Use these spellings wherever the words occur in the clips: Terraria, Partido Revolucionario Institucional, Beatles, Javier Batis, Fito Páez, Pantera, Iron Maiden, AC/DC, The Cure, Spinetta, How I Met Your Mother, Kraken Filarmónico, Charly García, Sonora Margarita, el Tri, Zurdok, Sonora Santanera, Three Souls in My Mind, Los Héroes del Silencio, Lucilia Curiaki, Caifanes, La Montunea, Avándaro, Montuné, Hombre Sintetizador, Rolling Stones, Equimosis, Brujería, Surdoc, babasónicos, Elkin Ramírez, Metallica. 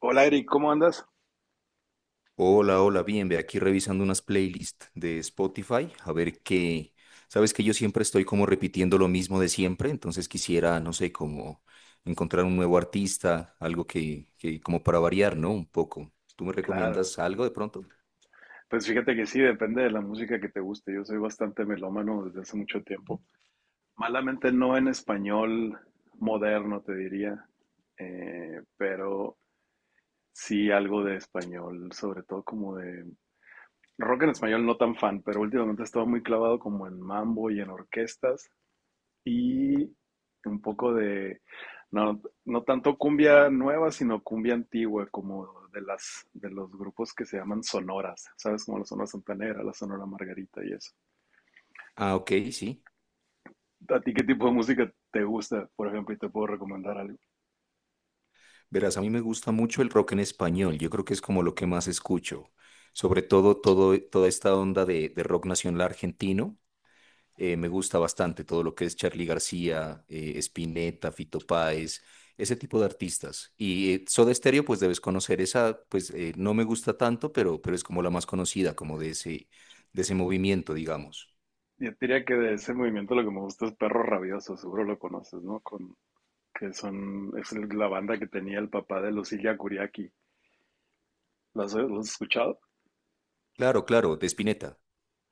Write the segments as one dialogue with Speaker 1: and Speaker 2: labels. Speaker 1: Hola Eric, ¿cómo andas?
Speaker 2: Hola, hola, bien, ve aquí revisando unas playlists de Spotify, a ver sabes que yo siempre estoy como repitiendo lo mismo de siempre, entonces quisiera, no sé, como encontrar un nuevo artista, algo que como para variar, ¿no? Un poco. ¿Tú me
Speaker 1: Claro,
Speaker 2: recomiendas algo de pronto?
Speaker 1: pues fíjate que sí, depende de la música que te guste. Yo soy bastante melómano desde hace mucho tiempo. Malamente no en español moderno, te diría, pero sí algo de español, sobre todo como de rock en español, no tan fan, pero últimamente he estado muy clavado como en mambo y en orquestas. Y un poco de, no, no tanto cumbia nueva, sino cumbia antigua, como de las, de los grupos que se llaman sonoras, ¿sabes? Como la Sonora Santanera, la Sonora Margarita y eso.
Speaker 2: Ah, ok, sí.
Speaker 1: ¿A ti qué tipo de música te gusta, por ejemplo, y te puedo recomendar algo?
Speaker 2: Verás, a mí me gusta mucho el rock en español, yo creo que es como lo que más escucho, sobre todo, toda esta onda de rock nacional argentino. Me gusta bastante todo lo que es Charly García, Spinetta, Fito Páez, ese tipo de artistas. Y Soda Stereo, pues debes conocer esa, pues no me gusta tanto, pero es como la más conocida, como de de ese movimiento, digamos.
Speaker 1: Yo diría que de ese movimiento lo que me gusta es Perro Rabioso, seguro lo conoces, ¿no? Con, que son, es la banda que tenía el papá de Lucilia Curiaki. ¿Lo has escuchado?
Speaker 2: Claro, claro, de Spinetta.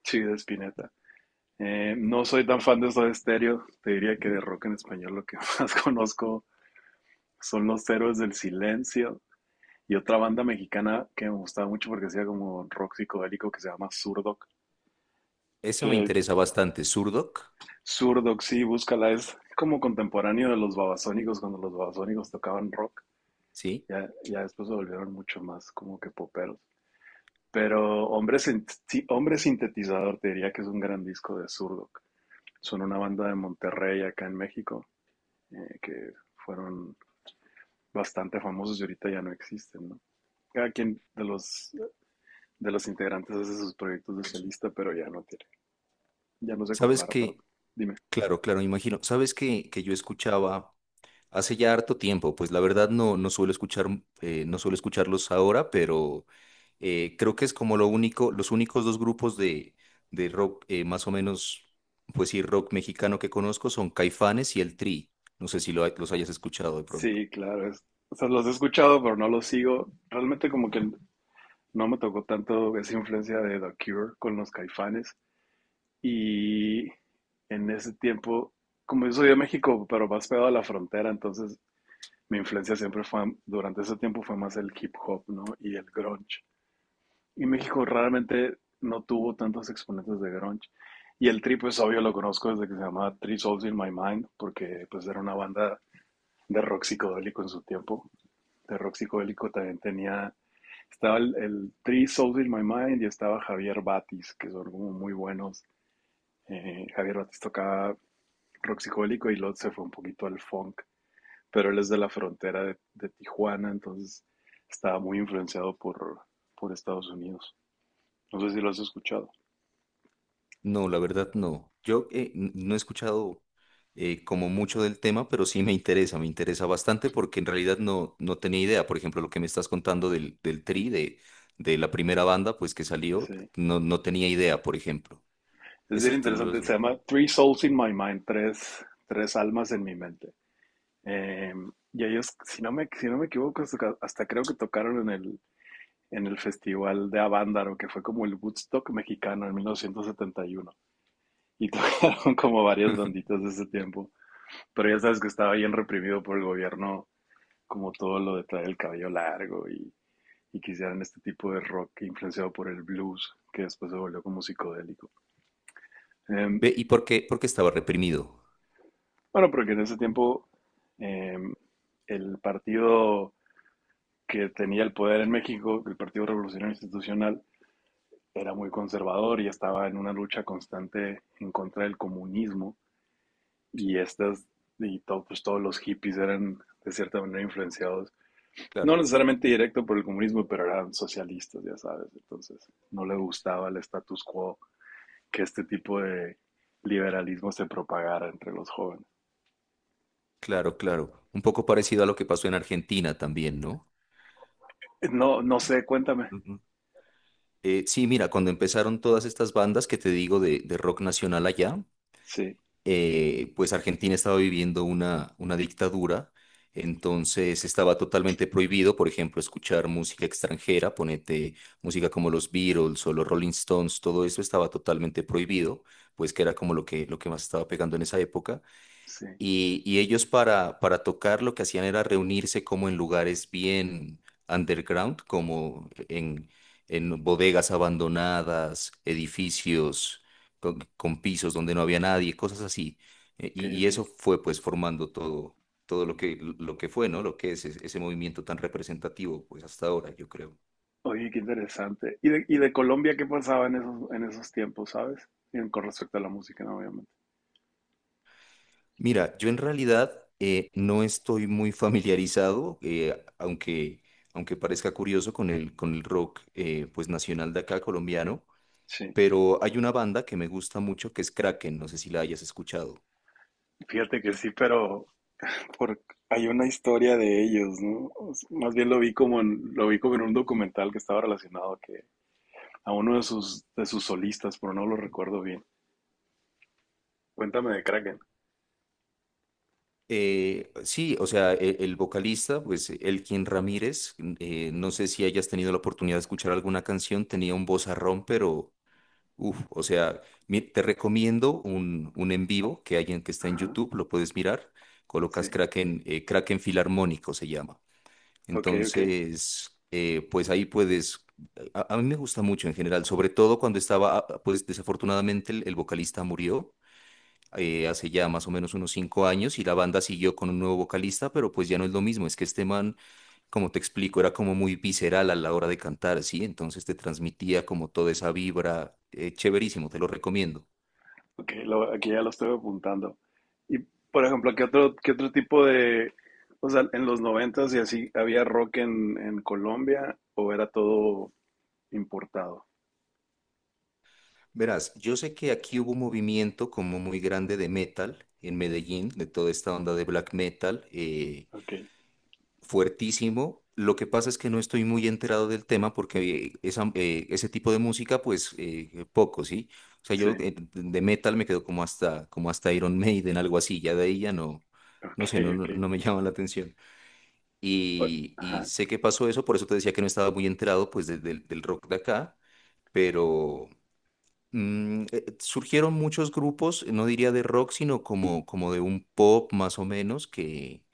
Speaker 1: Sí, de Spinetta. No soy tan fan de Soda Stereo. Te diría que de rock en español lo que más conozco son Los Héroes del Silencio y otra banda mexicana que me gustaba mucho porque hacía como rock psicodélico que se llama Surdoc.
Speaker 2: Esa me
Speaker 1: Que
Speaker 2: interesa bastante. Zurdok,
Speaker 1: Surdoc, sí, búscala, es como contemporáneo de los babasónicos cuando los babasónicos tocaban rock.
Speaker 2: ¿sí?
Speaker 1: Ya, ya después se volvieron mucho más como que poperos. Pero Hombre, Sin- Sí, Hombre Sintetizador te diría que es un gran disco de Surdoc. Son una banda de Monterrey acá en México, que fueron bastante famosos y ahorita ya no existen, ¿no? Cada quien de los, integrantes hace sus proyectos de solista, pero ya no tiene, ya no se
Speaker 2: ¿Sabes
Speaker 1: compara,
Speaker 2: que
Speaker 1: perdón. Dime.
Speaker 2: Claro, claro, me imagino. ¿Sabes que yo escuchaba? Hace ya harto tiempo, pues la verdad no suelo escuchar, no suelo escucharlos ahora, pero creo que es como lo único, los únicos dos grupos de rock, más o menos, pues sí, rock mexicano que conozco son Caifanes y el Tri. No sé si los hayas escuchado de pronto.
Speaker 1: Sí, claro, o sea, los he escuchado, pero no los sigo. Realmente como que no me tocó tanto esa influencia de The Cure con los Caifanes. Y en ese tiempo, como yo soy de México, pero más pegado a la frontera, entonces mi influencia siempre fue, durante ese tiempo fue más el hip hop, ¿no? Y el grunge. Y México raramente no tuvo tantos exponentes de grunge. Y el Tri, pues obvio lo conozco desde que se llamaba Three Souls in My Mind, porque pues era una banda de rock psicodélico en su tiempo. De rock psicodélico también tenía, estaba el Three Souls in My Mind y estaba Javier Batis, que son como muy buenos. Javier Batis tocaba rock psicodélico y luego se fue un poquito al funk, pero él es de la frontera de Tijuana, entonces estaba muy influenciado por Estados Unidos. No sé si lo has escuchado.
Speaker 2: No, la verdad no. Yo no he escuchado como mucho del tema, pero sí me interesa bastante porque en realidad no tenía idea. Por ejemplo, lo que me estás contando del Tri, de la primera banda, pues que salió,
Speaker 1: Sí.
Speaker 2: no tenía idea, por ejemplo.
Speaker 1: Es bien
Speaker 2: Eso te
Speaker 1: interesante,
Speaker 2: los...
Speaker 1: se llama Three Souls in My Mind, tres almas en mi mente. Eh, y ellos, si no me equivoco, hasta, creo que tocaron en el, festival de Avándaro, que fue como el Woodstock mexicano en 1971. Y uno. Y tocaron como varias banditas de ese tiempo. Pero ya sabes que estaba bien reprimido por el gobierno, como todo lo de traer el cabello largo y que hicieran este tipo de rock influenciado por el blues, que después se volvió como psicodélico. Eh,
Speaker 2: Ve, ¿y por qué? Porque estaba reprimido.
Speaker 1: Bueno, porque en ese tiempo, em, el partido que tenía el poder en México, el Partido Revolucionario Institucional, era muy conservador y estaba en una lucha constante en contra del comunismo. Y estas, pues, todos los hippies eran de cierta manera influenciados,
Speaker 2: Claro,
Speaker 1: no necesariamente directo por el comunismo, pero eran socialistas, ya sabes. Entonces, no le gustaba el status quo que este tipo de liberalismo se propagara entre los jóvenes.
Speaker 2: claro, claro. Un poco parecido a lo que pasó en Argentina también, ¿no?
Speaker 1: No, no sé, cuéntame.
Speaker 2: Ujú. Sí, mira, cuando empezaron todas estas bandas que te digo de rock nacional allá,
Speaker 1: Sí,
Speaker 2: pues Argentina estaba viviendo una dictadura, entonces estaba totalmente prohibido, por ejemplo, escuchar música extranjera, ponete música como los Beatles o los Rolling Stones, todo eso estaba totalmente prohibido, pues que era como lo lo que más estaba pegando en esa época.
Speaker 1: sí.
Speaker 2: Y ellos para tocar lo que hacían era reunirse como en lugares bien underground, como en bodegas abandonadas, edificios con pisos donde no había nadie, cosas así. E-
Speaker 1: Ok,
Speaker 2: Y, y
Speaker 1: ok.
Speaker 2: eso fue pues formando todo, todo lo lo que fue, ¿no? Lo que es ese movimiento tan representativo pues hasta ahora, yo creo.
Speaker 1: Oye, qué interesante. ¿Y de Colombia qué pasaba en esos, tiempos, sabes? En Con respecto a la música, ¿no? Obviamente.
Speaker 2: Mira, yo en realidad no estoy muy familiarizado, aunque parezca curioso con con el rock pues nacional de acá colombiano,
Speaker 1: Sí,
Speaker 2: pero hay una banda que me gusta mucho que es Kraken, no sé si la hayas escuchado.
Speaker 1: fíjate que sí, pero por, hay una historia de ellos, ¿no? Más bien lo vi como en un documental que estaba relacionado a que a uno de sus solistas, pero no lo recuerdo bien. Cuéntame de Kraken.
Speaker 2: Sí, o sea, el vocalista, pues Elkin Ramírez, no sé si hayas tenido la oportunidad de escuchar alguna canción, tenía un vozarrón, pero uf, o sea, te recomiendo un en vivo que hay en que está en
Speaker 1: Ajá,
Speaker 2: YouTube, lo puedes mirar. Colocas
Speaker 1: sí.
Speaker 2: Kraken, Kraken Filarmónico se llama.
Speaker 1: Ok, ok.
Speaker 2: Entonces, pues ahí puedes. A mí me gusta mucho en general, sobre todo cuando estaba, ah, pues desafortunadamente el vocalista murió hace ya más o menos unos cinco años y la banda siguió con un nuevo vocalista, pero pues ya no es lo mismo. Es que este man como te explico, era como muy visceral a la hora de cantar, ¿sí? Entonces te transmitía como toda esa vibra, chéverísimo, te lo recomiendo.
Speaker 1: Ok, aquí ya lo estoy apuntando. Y, por ejemplo, ¿qué otro tipo de, o sea, en los 90s y así, había rock en Colombia o era todo importado?
Speaker 2: Verás, yo sé que aquí hubo un movimiento como muy grande de metal en Medellín, de toda esta onda de black metal,
Speaker 1: Ok,
Speaker 2: fuertísimo. Lo que pasa es que no estoy muy enterado del tema porque ese tipo de música, pues poco, ¿sí? O sea,
Speaker 1: sí,
Speaker 2: yo de metal me quedo como hasta Iron Maiden, algo así, ya de ahí ya no,
Speaker 1: ok,
Speaker 2: no sé,
Speaker 1: ok.
Speaker 2: no me llama la atención.
Speaker 1: O-
Speaker 2: Y
Speaker 1: Ajá,
Speaker 2: sé que pasó eso, por eso te decía que no estaba muy enterado pues del rock de acá, pero surgieron muchos grupos, no diría de rock, sino como de un pop más o menos, que,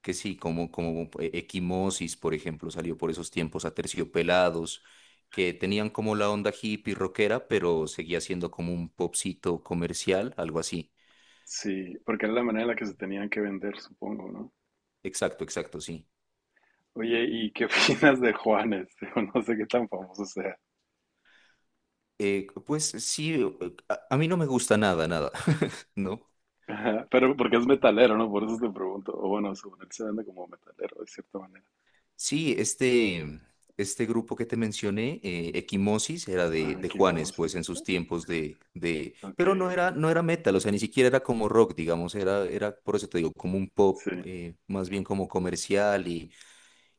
Speaker 2: que sí, como Equimosis, por ejemplo, salió por esos tiempos, Aterciopelados, que tenían como la onda hippie rockera, pero seguía siendo como un popcito comercial, algo así.
Speaker 1: sí, porque era la manera en la que se tenían que vender, supongo, ¿no?
Speaker 2: Exacto, exacto, sí.
Speaker 1: Oye, ¿y qué opinas de Juanes? Digo, no sé qué tan famoso sea.
Speaker 2: Pues sí, a mí no me gusta nada, nada. ¿No?
Speaker 1: Ajá, pero porque es metalero, ¿no? Por eso te pregunto. O bueno, según él se vende como metalero, de cierta manera.
Speaker 2: Sí, este grupo que te mencioné, Equimosis, era
Speaker 1: Ah,
Speaker 2: de
Speaker 1: qué
Speaker 2: Juanes,
Speaker 1: moses.
Speaker 2: pues en sus tiempos
Speaker 1: Ok,
Speaker 2: pero no
Speaker 1: ok.
Speaker 2: era, no era metal, o sea, ni siquiera era como rock, digamos, era, por eso te digo, como un pop,
Speaker 1: Sí.
Speaker 2: más bien como comercial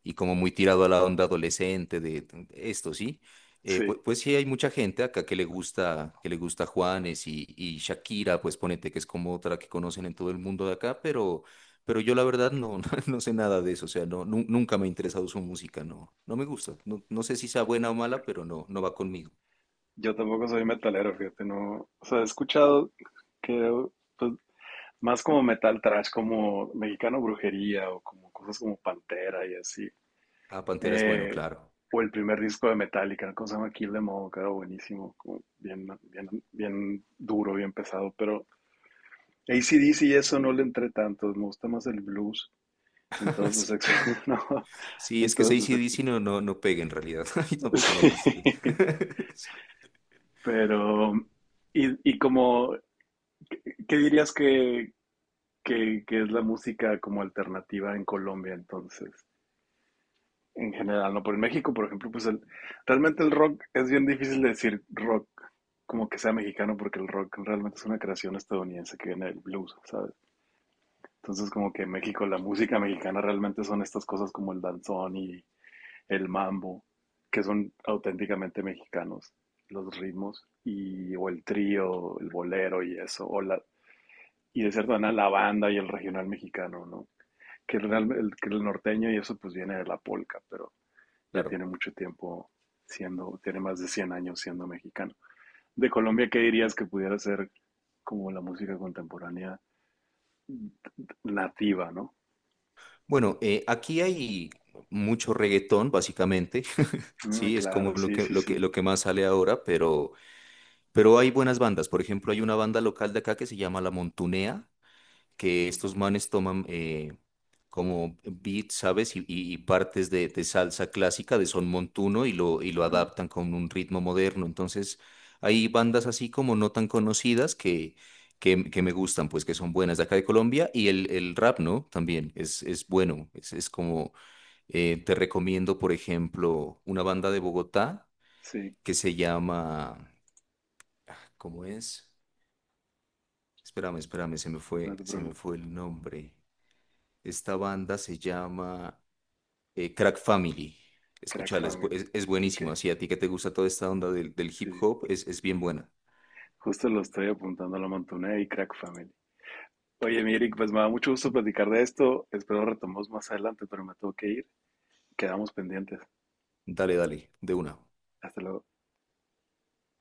Speaker 2: y como muy tirado a la onda adolescente de esto, ¿sí?
Speaker 1: Sí,
Speaker 2: Pues sí hay mucha gente acá que le gusta Juanes y Shakira, pues ponete que es como otra que conocen en todo el mundo de acá, pero yo la verdad no, no sé nada de eso, o sea, nunca me ha interesado su música, no me gusta, no, no sé si sea buena o mala, pero no, no va conmigo.
Speaker 1: yo tampoco soy metalero, fíjate, no, o sea, he escuchado que pues, más como metal trash, como Mexicano Brujería o como cosas como Pantera y así.
Speaker 2: Ah, Pantera es bueno,
Speaker 1: Eh,
Speaker 2: claro.
Speaker 1: o el primer disco de Metallica, ¿no? ¿Cómo se llama? Kill Them All, que era buenísimo, como bien, bien, bien duro, bien pesado, pero AC/DC y eso no le entré tanto, me gusta más el blues,
Speaker 2: Sí,
Speaker 1: entonces, no,
Speaker 2: sí, es que
Speaker 1: entonces,
Speaker 2: ac no, no pega en realidad. A mí tampoco me
Speaker 1: sí,
Speaker 2: gusta.
Speaker 1: pero, y como, ¿qué dirías que es la música como alternativa en Colombia, entonces, en general, ¿no? Por En México, por ejemplo, pues realmente el rock es bien difícil de decir rock como que sea mexicano, porque el rock realmente es una creación estadounidense que viene del blues, ¿sabes? Entonces, como que en México, la música mexicana realmente son estas cosas como el danzón y el mambo, que son auténticamente mexicanos, los ritmos, y, o el trío, el bolero y eso, y de cierta manera la banda y el regional mexicano, ¿no? que el, que el norteño y eso pues viene de la polca, pero ya tiene
Speaker 2: Claro.
Speaker 1: mucho tiempo siendo, tiene más de 100 años siendo mexicano. De Colombia, ¿qué dirías que pudiera ser como la música contemporánea nativa, ¿no?
Speaker 2: Bueno, aquí hay mucho reggaetón, básicamente.
Speaker 1: Mm,
Speaker 2: Sí, es como
Speaker 1: claro,
Speaker 2: lo
Speaker 1: sí, sí, sí.
Speaker 2: lo que más sale ahora, pero hay buenas bandas. Por ejemplo, hay una banda local de acá que se llama La Montunea, que estos manes toman como beats, ¿sabes? Y partes de salsa clásica, de son montuno, y lo
Speaker 1: Ajá,
Speaker 2: adaptan con un ritmo moderno. Entonces, hay bandas así como no tan conocidas que me gustan, pues que son buenas de acá de Colombia. Y el rap, ¿no? También es bueno, es como te recomiendo, por ejemplo, una banda de Bogotá
Speaker 1: sí,
Speaker 2: que se llama, ¿cómo es? Espérame, espérame, se me
Speaker 1: no te preocupes.
Speaker 2: fue el nombre. Esta banda se llama Crack Family.
Speaker 1: Crack
Speaker 2: Escúchala,
Speaker 1: Family.
Speaker 2: es
Speaker 1: Ok,
Speaker 2: buenísima. Si a ti que te gusta toda esta onda del hip
Speaker 1: sí.
Speaker 2: hop, es bien buena.
Speaker 1: Justo lo estoy apuntando a la Montuné y Crack Family. Oye, mi Eric, pues me da mucho gusto platicar de esto. Espero retomemos más adelante, pero me tengo que ir. Quedamos pendientes.
Speaker 2: Dale, dale, de una.
Speaker 1: Hasta luego.